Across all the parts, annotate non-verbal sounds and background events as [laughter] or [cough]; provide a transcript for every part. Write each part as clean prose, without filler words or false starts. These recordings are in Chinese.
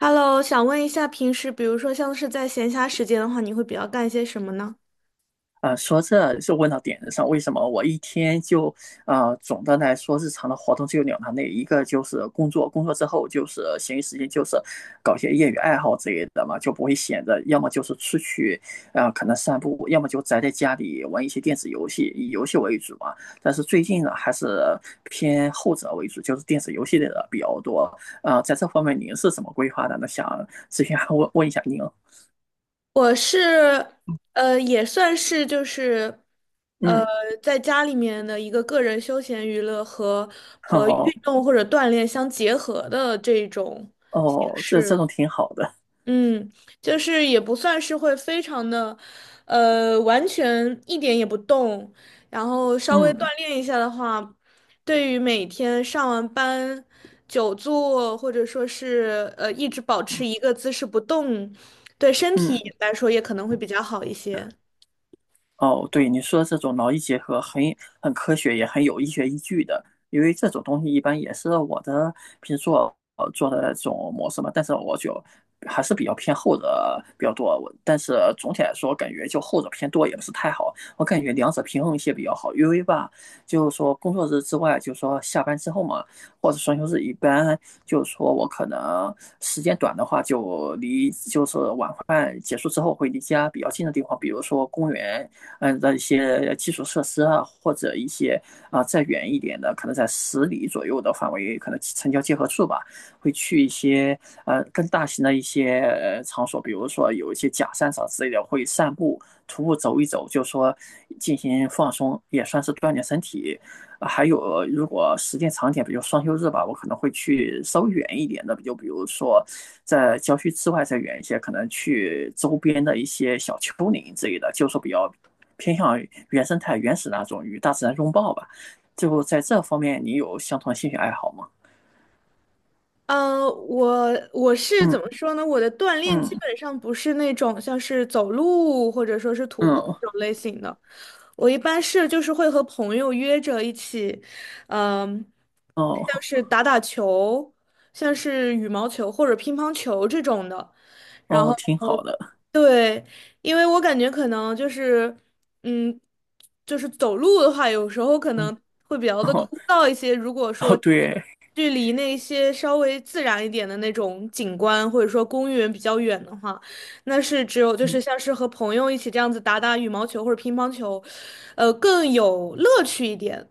Hello，想问一下，平时比如说像是在闲暇时间的话，你会比较干些什么呢？说这就问到点子上，为什么我一天就总的来说日常的活动只有两大类，一个就是工作，工作之后就是闲余时间就是搞些业余爱好之类的嘛，就不会闲着，要么就是出去，可能散步，要么就宅在家里玩一些电子游戏，以游戏为主嘛。但是最近呢，还是偏后者为主，就是电子游戏类的比较多。在这方面您是怎么规划的呢？想咨询问问一下您。我是，也算是就是，呃，嗯，在家里面的一个个人休闲娱乐和好，运动或者锻炼相结合的这种形哦，这式。种挺好的。嗯，就是也不算是会非常的，完全一点也不动，然后稍微锻嗯炼一下的话，对于每天上完班久坐或者说是一直保持嗯一个姿势不动，对身体嗯，来说也可能会比较好一些。哦，对，你说的这种劳逸结合很很科学，也很有医学依据的。因为这种东西一般也是我的平时做做的这种模式嘛，但是我就还是比较偏后者比较多。我但是总体来说，感觉就后者偏多也不是太好，我感觉两者平衡一些比较好。因为吧，就是说工作日之外，就是说下班之后嘛，或者双休日，一般就是说我可能时间短的话，就离就是晚饭结束之后会离家比较近的地方，比如说公园。嗯的一些基础设施啊，或者一些再远一点的，可能在十里左右的范围，可能城郊结合处吧，会去一些更大型的一些场所，比如说有一些假山场之类的，会散步、徒步走一走，就说进行放松，也算是锻炼身体。还有，如果时间长点，比如双休日吧，我可能会去稍微远一点的，就比如说在郊区之外再远一些，可能去周边的一些小丘陵之类的，就是说比较偏向于原生态、原始那种，与大自然拥抱吧。就在这方面，你有相同的兴趣爱好吗？我是怎嗯么说呢？我的锻炼基嗯本上不是那种像是走路或者说是徒步嗯，这种类型的，我一般是就是会和朋友约着一起，嗯、像哦是打打球，像是羽毛球或者乒乓球这种的，然后哦，挺好的。对，因为我感觉可能就是，嗯，就是走路的话，有时候可嗯，能会比较的哦枯燥一些。如果说哦，对。距离那些稍微自然一点的那种景观，或者说公园比较远的话，那是只有就嗯是像是和朋友一起这样子打打羽毛球或者乒乓球，更有乐趣一点。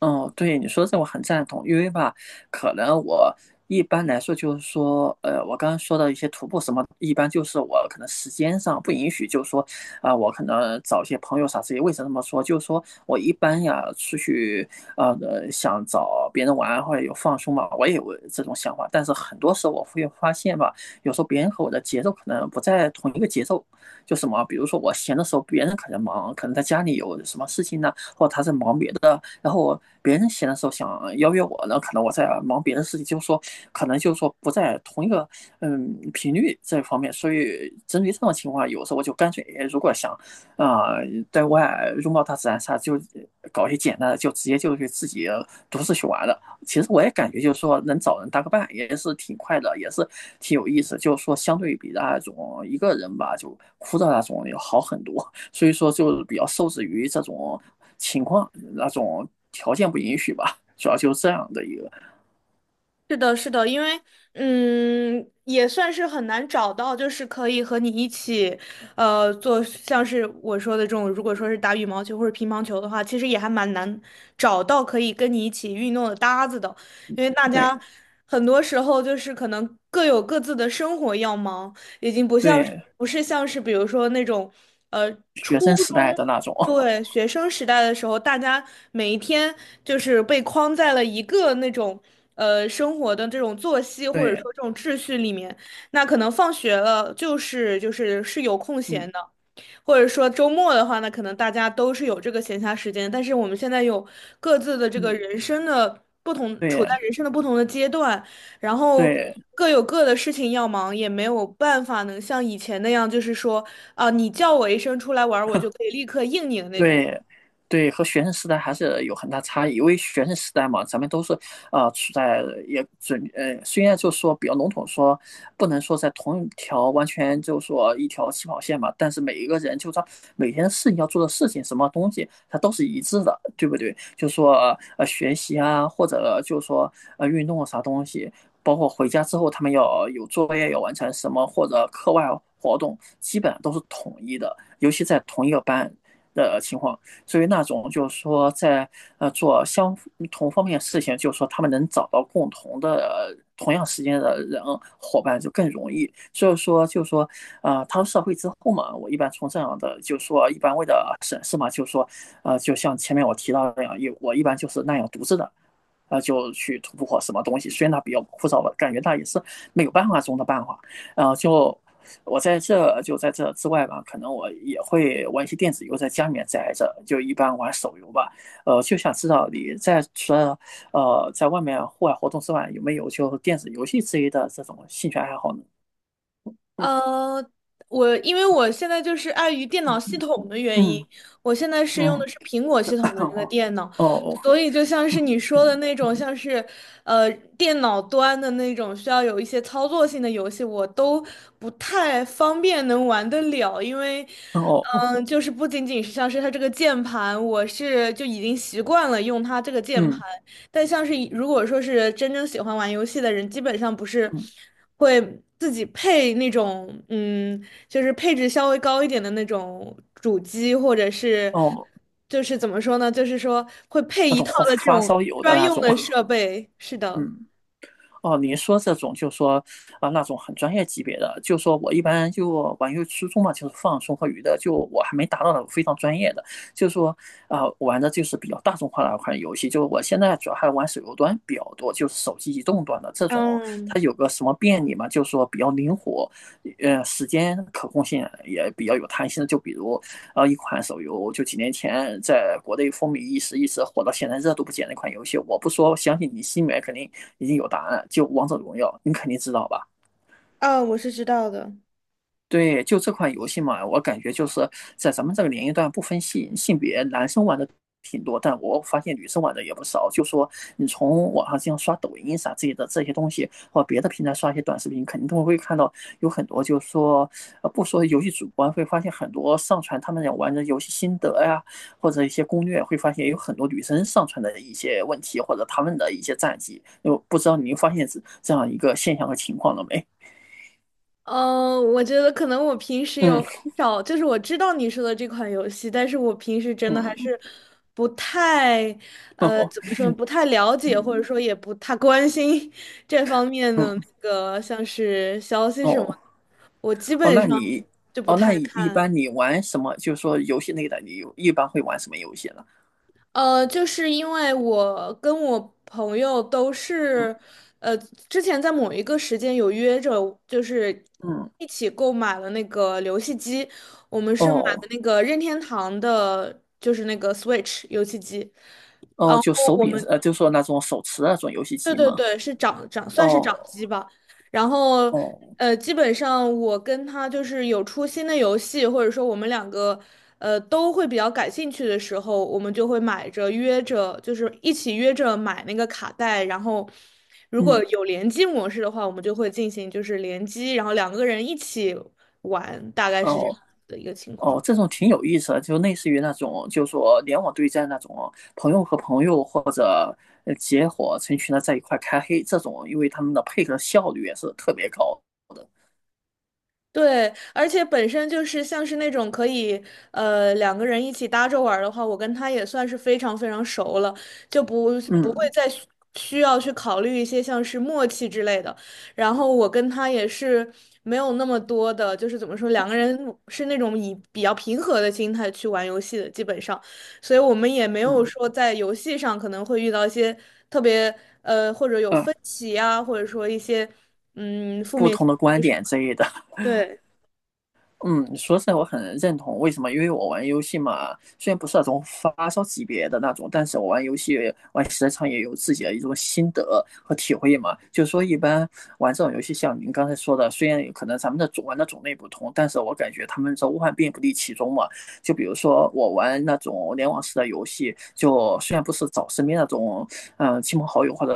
哦，对，你说这我很赞同，因为吧，可能我一般来说就是说，我刚刚说的一些徒步什么，一般就是我可能时间上不允许，就是说，我可能找一些朋友啥之类。为什么这么说？就是说我一般呀出去，想找别人玩或者有放松嘛，我也有这种想法，但是很多时候我会发现吧，有时候别人和我的节奏可能不在同一个节奏，就什么，比如说我闲的时候，别人可能忙，可能在家里有什么事情呢。或者他在忙别的，然后别人闲的时候想邀约我呢，可能我在忙别的事情，就是说可能就是说不在同一个嗯频率这方面，所以针对这种情况，有时候我就干脆如果想啊、呃在外拥抱大自然啥，就搞一些简单的，就直接就去自己独自去玩了。其实我也感觉就是说能找人搭个伴也是挺快的，也是挺有意思，就是说相对比那种一个人吧，就枯燥那种要好很多。所以说就比较受制于这种情况、那种条件不允许吧，主要就是这样的一个是的，是的，因为嗯，也算是很难找到，就是可以和你一起，做像是我说的这种，如果说是打羽毛球或者乒乓球的话，其实也还蛮难找到可以跟你一起运动的搭子的，因为大家对很多时候就是可能各有各自的生活要忙，已经不像是对不是像是比如说那种，呃。学初生时代中。的那种，对，学生时代的时候，大家每一天就是被框在了一个那种生活的这种作息 [laughs] 或者对，说这种秩序里面。那可能放学了就是是有空嗯闲的，或者说周末的话呢，可能大家都是有这个闲暇时间，但是我们现在有各自的这个嗯，人生的不同，处在对人生的不同的阶段，然后对。各有各的事情要忙，也没有办法能像以前那样，就是说啊，你叫我一声出来玩儿我就可以立刻应你的那种。对，对，和学生时代还是有很大差异，因为学生时代嘛，咱们都是处在也准，虽然就说比较笼统说，不能说在同一条完全就说一条起跑线嘛，但是每一个人就说每天事情要做的事情，什么东西它都是一致的，对不对？就说学习啊，或者就说运动啊啥东西，包括回家之后他们要有作业要完成什么，或者课外活动，基本上都是统一的。尤其在同一个班，的情况，所以那种就是说在做相同方面的事情，就是说他们能找到共同的同样时间的人伙伴就更容易。所以说就是说啊，踏入社会之后嘛，我一般从这样的就是说一般为了省事嘛，就是说就像前面我提到的那样，我一般就是那样独自的，啊，就去突破什么东西。虽然它比较枯燥，吧，感觉它也是没有办法中的办法。啊，就我在这就在这之外吧，可能我也会玩一些电子游，在家里面宅着，就一般玩手游吧。就想知道你在除了在外面户外活动之外，有没有就电子游戏之类的这种兴趣爱好呢？嗯呃，因为我现在就是碍于电脑系统的原因，嗯我现在是用的嗯，是苹果系统的这个电 [laughs] 脑，哦哦所以就像是你说的嗯那种，嗯像是呃电脑端的那种需要有一些操作性的游戏，我都不太方便能玩得了，因为哦哦就是不仅仅是像是它这个键盘，我是就已经习惯了用它这个键盘。嗯但像是如果说是真正喜欢玩游戏的人，基本上不是嗯会自己配那种，嗯，就是配置稍微高一点的那种主机，或者是哦，就是怎么说呢，就是说会配那一种套花的这发种烧友的专那用种，的设备。是 [laughs] 的，嗯。哦，你说这种就说啊那种很专业级别的，就说我一般就玩游戏初衷嘛，就是放松和娱乐，就我还没达到那种非常专业的，就说玩的就是比较大众化的一款游戏，就是我现在主要还玩手游端比较多，就是手机移动端的这种，嗯，它有个什么便利嘛，就说比较灵活，时间可控性也比较有弹性的，就比如然后一款手游就几年前在国内风靡一时，一时火到现在热度不减的一款游戏。我不说，相信你心里面肯定已经有答案。就《王者荣耀》，你肯定知道吧？啊，我是知道的。对，就这款游戏嘛，我感觉就是在咱们这个年龄段不分性别，男生玩的挺多，但我发现女生玩的也不少。就说你从网上这样刷抖音啥之类的这些东西，或别的平台刷一些短视频，肯定都会看到有很多，就是说，不说游戏主播，会发现很多上传他们也玩的游戏心得呀，或者一些攻略，会发现有很多女生上传的一些问题或者他们的一些战绩。就不知道您发现这这样一个现象和情况了没？嗯，我觉得可能我平时有嗯很少，就是我知道你说的这款游戏，但是我平时真的还嗯，是不太，[laughs] 哦怎么说，不太了解，或者嗯。说也不太关心 [laughs] 这方面的那嗯，个像是消息什么哦的，我基哦，本那上你就不哦，那太你一看。般你玩什么？就是说游戏类的，你有一般会玩什么游戏呢？就是因为我跟我朋友都嗯是，呃，之前在某一个时间有约着，就是嗯，一起购买了那个游戏机，我们是买的哦那个任天堂的，就是那个 Switch 游戏机。然哦，后就手我柄们。就说那种手持那种游戏对机对嘛。对，是长算是哦掌机吧。然后，哦，基本上我跟他就是有出新的游戏，或者说我们两个，都会比较感兴趣的时候，我们就会买着约着，就是一起约着买那个卡带。然后，如果嗯有联机模式的话，我们就会进行就是联机，然后两个人一起玩，大概是这样哦的一个情哦，况。这种挺有意思的，就类似于那种就是说联网对战那种朋友和朋友或者结伙成群的在一块开黑这种，因为他们的配合效率也是特别高的。对，而且本身就是像是那种可以，两个人一起搭着玩儿的话，我跟他也算是非常非常熟了，就不会嗯再需要去考虑一些像是默契之类的。然后我跟他也是没有那么多的，就是怎么说，两个人是那种以比较平和的心态去玩游戏的，基本上，所以我们也没有嗯说在游戏上可能会遇到一些特别，或者有嗯，分歧啊，或者说一些，嗯，负不面同情的观绪，点之类的。对。嗯，说实在我很认同，为什么？因为我玩游戏嘛，虽然不是那种发烧级别的那种，但是我玩游戏玩时间长也有自己的一种心得和体会嘛。就是说，一般玩这种游戏，像您刚才说的，虽然可能咱们的种玩的种类不同，但是我感觉他们这无万变不离其中嘛。就比如说我玩那种联网式的游戏，就虽然不是找身边那种亲朋好友或者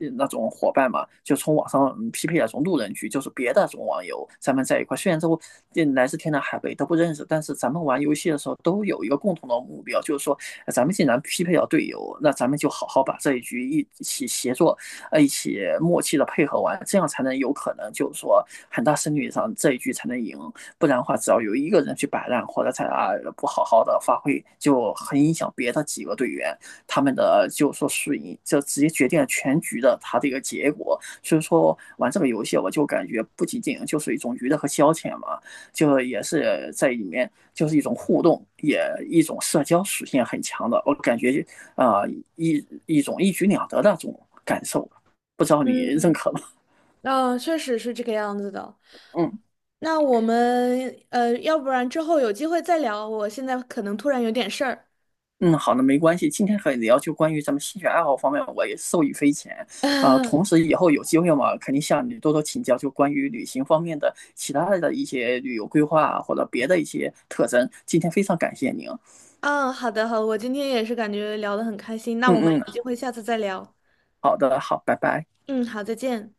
那种伙伴嘛，就从网上嗯匹配那种路人局，就是别的那种网友，咱们在一块，虽然都嗯来自天南海北都不认识，但是咱们玩游戏的时候都有一个共同的目标，就是说咱们既然匹配到队友，那咱们就好好把这一局一起协作，一起默契的配合完，这样才能有可能就是说很大胜率上这一局才能赢。不然的话，只要有一个人去摆烂或者在啊不好好的发挥，就很影响别的几个队员他们的就说输赢，就直接决定了全局的他这个结果。所以说玩这个游戏，我就感觉不仅仅就是一种娱乐和消遣嘛，就也是在里面就是一种互动，也一种社交属性很强的。我感觉啊、呃一种一举两得的那种感受，不知道你认嗯，可吗？嗯，确实是这个样子的。嗯。那我们要不然之后有机会再聊。我现在可能突然有点事儿。嗯，好的，没关系。今天和你聊就关于咱们兴趣爱好方面，我也受益匪浅同 [laughs] 时，以后有机会嘛，肯定向你多多请教，就关于旅行方面的其他的一些旅游规划啊或者别的一些特征。今天非常感谢您。嗯，好的，好我今天也是感觉聊得很开心。那我们嗯嗯，有机会下次再聊。好的，好，拜拜。嗯，好，再见。